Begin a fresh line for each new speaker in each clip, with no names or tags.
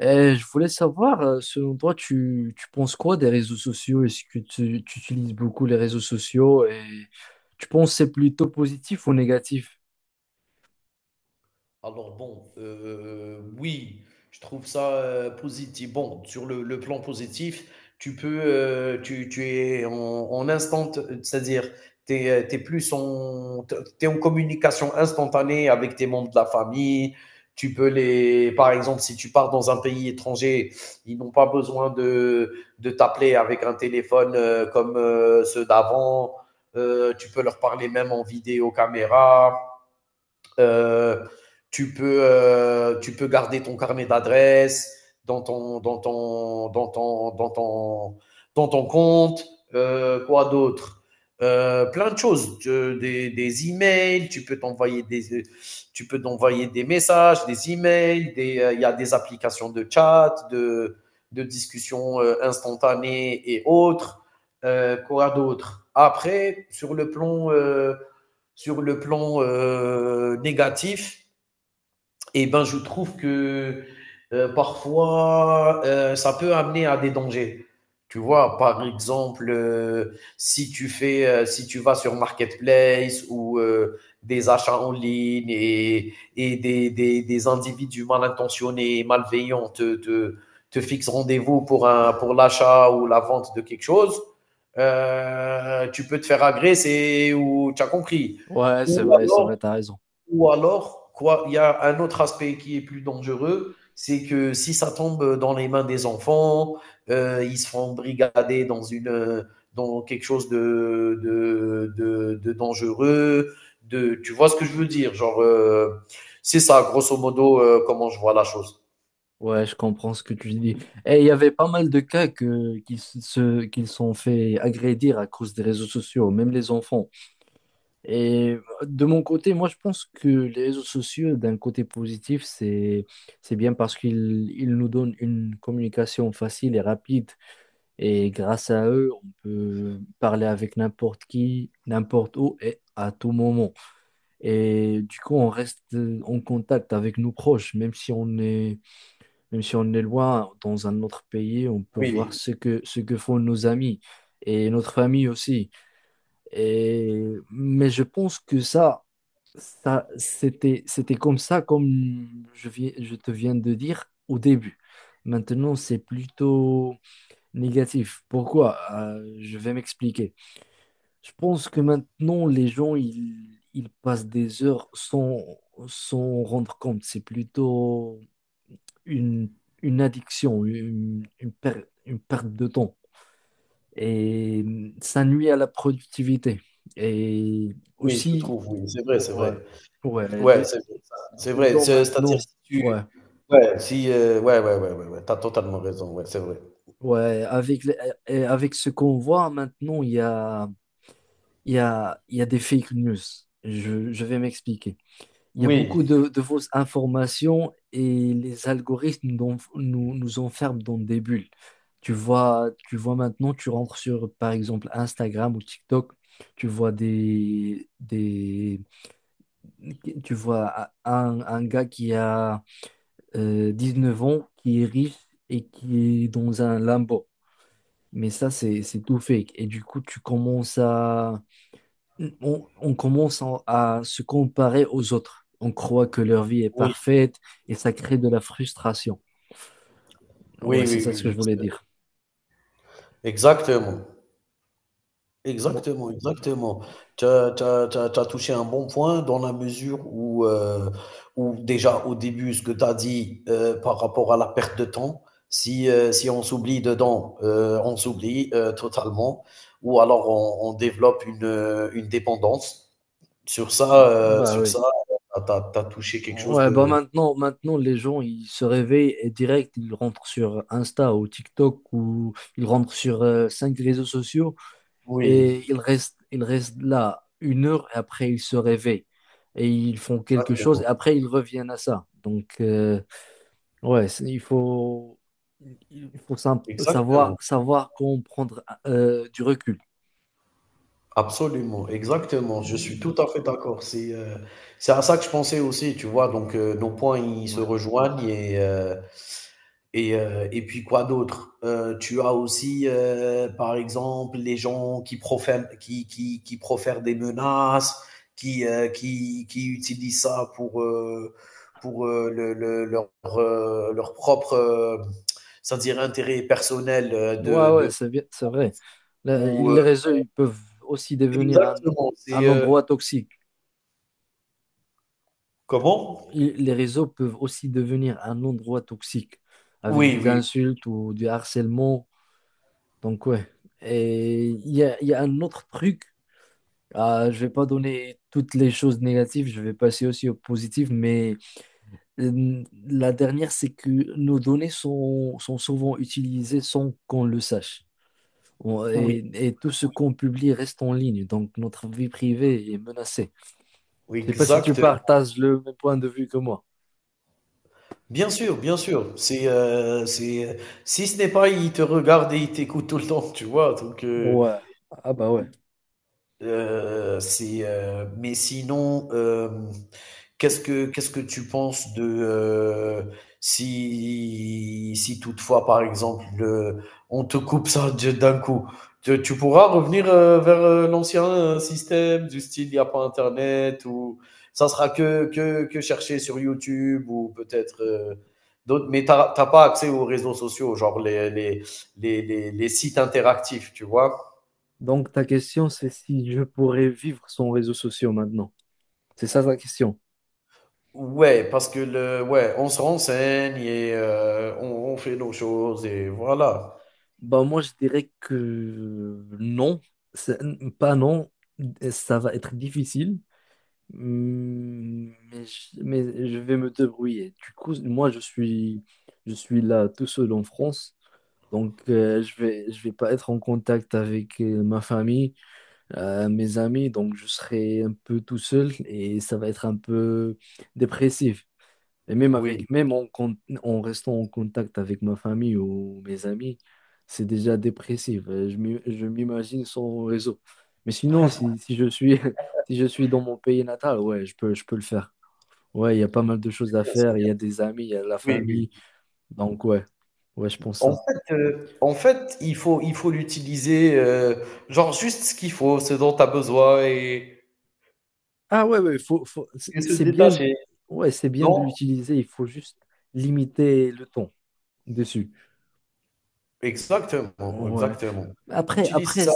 Et je voulais savoir, selon toi, tu penses quoi des réseaux sociaux? Est-ce que tu utilises beaucoup les réseaux sociaux et tu penses que c'est plutôt positif ou négatif?
Alors bon, oui, je trouve ça positif. Bon, sur le plan positif, tu peux, tu es en instant, c'est-à-dire, tu es, plus en, t'es en communication instantanée avec tes membres de la famille. Tu peux les, par exemple, si tu pars dans un pays étranger, ils n'ont pas besoin de t'appeler avec un téléphone comme ceux d'avant. Tu peux leur parler même en vidéo caméra. Euh, Tu peux garder ton carnet d'adresses dans ton, dans, ton, dans, ton, dans, ton, dans ton compte. Quoi d'autre? Plein de choses. Des emails, tu peux t'envoyer des, tu peux t'envoyer des messages, des emails. Il y a des applications de chat, de discussion instantanée et autres. Quoi d'autre? Après, sur le plan négatif, eh ben, je trouve que parfois, ça peut amener à des dangers. Tu vois, par exemple, si tu fais, si tu vas sur Marketplace ou des achats en ligne et des individus mal intentionnés, malveillants te fixent rendez-vous pour un, pour l'achat ou la vente de quelque chose, tu peux te faire agresser ou tu as compris.
Ouais,
Ou
c'est
alors,
vrai, t'as raison.
ou alors, quoi, il y a un autre aspect qui est plus dangereux, c'est que si ça tombe dans les mains des enfants, ils se font brigader dans une dans quelque chose de dangereux. De, tu vois ce que je veux dire, genre c'est ça, grosso modo, comment je vois la chose.
Ouais, je comprends ce que tu dis. Et il y avait pas mal de cas qu'ils se, qu'ils sont fait agrédir à cause des réseaux sociaux, même les enfants. Et de mon côté, moi, je pense que les réseaux sociaux, d'un côté positif, c'est bien parce qu'ils, ils nous donnent une communication facile et rapide. Et grâce à eux, on peut parler avec n'importe qui, n'importe où et à tout moment. Et du coup, on reste en contact avec nos proches, même si on est loin dans un autre pays, on peut voir
Oui,
ce que font nos amis et notre famille aussi. Et, mais je pense que ça, c'était comme ça, je te viens de dire au début. Maintenant, c'est plutôt négatif. Pourquoi? Je vais m'expliquer. Je pense que maintenant, les gens, ils passent des heures sans s'en rendre compte. C'est plutôt une, une addiction, une perte de temps. Et ça nuit à la productivité. Et
oui, je
aussi,
trouve, oui, c'est vrai, c'est
ouais,
vrai.
ouais,
Ouais,
les,
c'est vrai, ça, c'est
les
vrai.
gens
C'est-à-dire
maintenant,
si tu,
ouais,
ouais, si, ouais, ouais, ouais, ouais, ouais, t'as totalement raison, ouais, c'est vrai.
ouais, avec, les- et avec ce qu'on voit maintenant, il y a il y a des fake news. Je vais m'expliquer. Il y a
Oui,
beaucoup de fausses informations et les algorithmes nous enferment dans des bulles. Tu vois maintenant, tu rentres sur, par exemple, Instagram ou TikTok, tu vois des, des, tu vois un gars qui a 9 ans, qui est riche et qui est dans un Lambo. Mais ça, c'est tout fake. Et du coup, tu commences à, on commence à se comparer aux autres. On croit que leur vie est
oui.
parfaite et ça crée de la frustration. Ouais,
Oui,
c'est
oui,
ça ce
oui,
que je
oui, c'est
voulais
vrai.
dire.
Exactement,
Bon,
exactement, exactement. Tu as touché un bon point dans la mesure où, où déjà au début ce que tu as dit, par rapport à la perte de temps, si on s'oublie dedans, on s'oublie, totalement ou alors on développe une dépendance.
bah
Sur
oui.
ça, tu as tu as touché quelque chose
Ouais, bah
de
maintenant, les gens, ils se réveillent et direct, ils rentrent sur Insta ou TikTok ou ils rentrent sur 5 réseaux sociaux et
oui,
ils restent là 1 heure et après, ils se réveillent et ils font quelque chose et
exactement,
après, ils reviennent à ça. Donc, ouais, c'est- il faut
exactement.
savoir comment prendre du recul.
Absolument, exactement, je suis
Mm,
tout à fait d'accord. C'est à ça que je pensais aussi, tu vois? Donc nos points, ils se
ouais,
rejoignent et puis quoi d'autre? Tu as aussi, par exemple, les gens qui profèrent qui profèrent des menaces, qui, qui utilisent ça pour, le leur, leur propre, c'est-à-dire intérêt personnel,
ouais,
de
ouais, c'est bien- c'est vrai. Le-
ou,
les réseaux, ils peuvent aussi devenir
exactement, c'est,
un endroit toxique.
comment?
Il- les réseaux peuvent aussi devenir un endroit toxique avec
Oui,
des
oui,
insultes ou du harcèlement. Donc, ouais. Et il y a un autre truc. Je vais pas donner toutes les choses négatives, je vais passer aussi aux positives, mais la dernière, c'est que nos données sont souvent utilisées sans qu'on le sache.
oui,
Et tout ce
oui,
qu'on publie reste en ligne, donc notre vie privée est menacée.
oui,
Je sais pas si tu
exact.
partages le même point de vue que moi.
Bien sûr, bien sûr. C'est, si ce n'est pas, il te regarde et il t'écoute tout le temps, tu vois? Donc,
Ouais, ah bah ouais.
c'est, mais sinon, hem qu'est-ce que tu penses de, si si toutefois, par exemple, on te coupe ça de d'un coup, tu pourras revenir, vers, l'ancien, système du style il n'y a pas internet ou ça sera que chercher sur YouTube ou peut-être, d'autres mais tu as pas accès aux réseaux sociaux, genre les sites interactifs, tu vois?
Donc ta question, c'est si je pourrais vivre sans réseaux sociaux maintenant. C'est ça ta question.
Ouais, parce que le, ouais, on se renseigne et on fait nos choses et voilà.
Bah moi, je dirais que non, c'est- pas non, ça va être difficile. Hmm. Mais je vais me débrouiller. Du coup, moi, je suis là tout seul en France. Donc, je vais pas être en contact avec ma famille, mes amis. Donc, je serai un peu tout seul et ça va être un peu dépressif. Et même avec,
Oui,
en restant en contact avec ma famille ou mes amis, c'est déjà dépressif. Je m'imagine sans réseau. Mais sinon, si je suis, si je suis dans mon pays natal, ouais, je peux le faire. Ouais, il y a pas mal de
c'est
choses à
bien, c'est
faire. Il
bien.
y a des amis, il y a la
Oui, oui.
famille. Donc, ouais, ouais, je pense ça.
En fait, il faut l'utiliser, genre juste ce qu'il faut, ce dont tu as besoin
Ah, ouais, ouais,
et se
c'est bien,
détacher.
ouais, c'est bien de
Non?
l'utiliser. Il faut juste limiter le temps dessus.
Exactement,
Ouais.
exactement. Utilise
Après,
ça,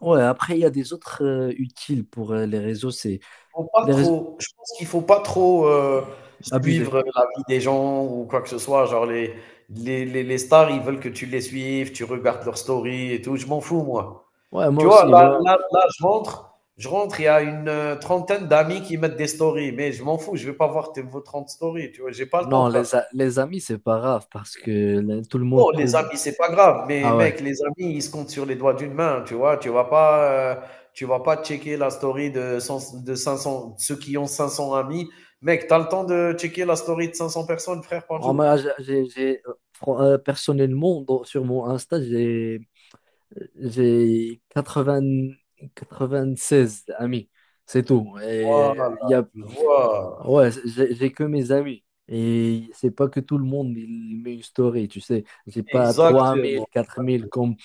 ouais, après, il y a des autres utiles pour les réseaux, c'est
faut pas
les réseaux...
trop, je pense qu'il faut pas trop,
abusés.
suivre la vie des gens ou quoi que ce soit. Genre les stars, ils veulent que tu les suives, tu regardes leurs stories et tout, je m'en fous moi.
Ouais, moi
Tu vois?
aussi, moi,
Je rentre, il y a une, trentaine d'amis qui mettent des stories, mais je m'en fous, je vais pas voir tes vos 30 stories, tu vois? J'ai pas le temps
non,
frère.
les amis, c'est pas grave parce que là, tout le monde
Non, les
peut.
amis, c'est pas grave, mais
Ah ouais.
mec, les amis, ils se comptent sur les doigts d'une main, tu vois? Tu vas pas checker la story de 500, ceux qui ont 500 amis. Mec, t'as le temps de checker la story de 500 personnes, frère, par
En
jour.
moi, personnellement, sur mon Insta, j'ai 96 amis, c'est tout. Et
Voilà,
il y a...
tu vois?
ouais, j'ai que mes amis. Et c'est pas que tout le monde il met une story, tu sais. J'ai pas
Exactement,
3000, 4000 comme.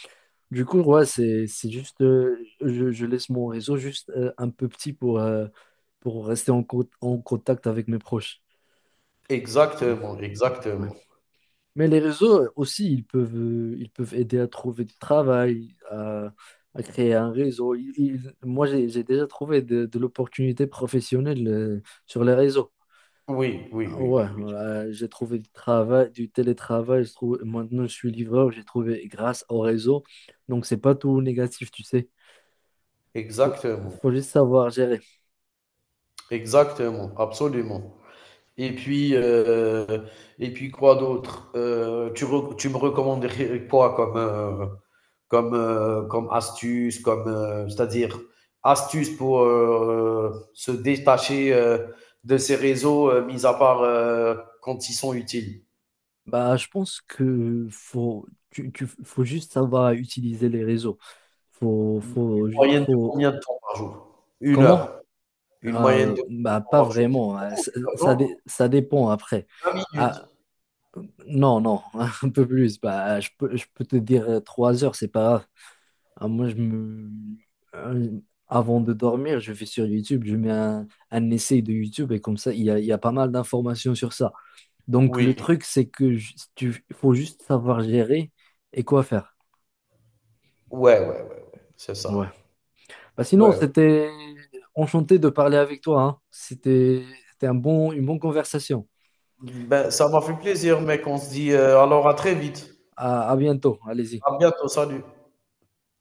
Du coup, ouais, c'est juste, je laisse mon réseau juste un peu petit pour rester en, en contact avec mes proches. Mhm,
exactement,
ouais.
exactement.
Mais les réseaux aussi, ils peuvent aider à trouver du travail, à créer un réseau. Ils- ils- moi, j'ai déjà trouvé de l'opportunité professionnelle sur les réseaux.
Oui, oui,
Ah
oui,
ouais,
oui, oui.
j'ai trouvé du travail, du télétravail. Je trouve, maintenant, je suis livreur, j'ai trouvé grâce au réseau. Donc, c'est pas tout négatif, tu sais. Faut,
Exactement,
Faut juste savoir gérer.
exactement, absolument. Et puis, euh, et puis quoi d'autre? Tu me recommanderais quoi comme, comme, comme astuce, comme, c'est-à-dire astuce pour se détacher de ces réseaux, mis à part quand ils sont utiles.
Bah, je pense que faut juste savoir utiliser les réseaux. Faut,
Une
faut, ju-
moyenne de
faut,
combien de temps par jour? Une
Comment?
heure. Une moyenne de combien de
Bah,
temps
pas
par jour? C'est
vraiment, hein.
beaucoup, une heure, non?
Ça dépend après.
20 minutes.
Ah, non, non, un peu plus. Bah, je peux te dire 3 heures, c'est pas grave. Ah, euh, avant de dormir, je vais sur YouTube, je mets un essai de YouTube et comme ça, il y a pas mal d'informations sur ça. Donc, le
Oui.
truc, c'est que il faut juste savoir gérer et quoi faire.
Ouais, ouais, ouais, ouais. C'est
Ouais.
ça.
Bah, sinon,
Ouais.
c'était enchanté de parler avec toi, hein. C'était une bonne conversation.
Ben, ça m'a fait plaisir, mec. On se dit, alors à très vite.
À bientôt. Allez-y.
À bientôt. Salut.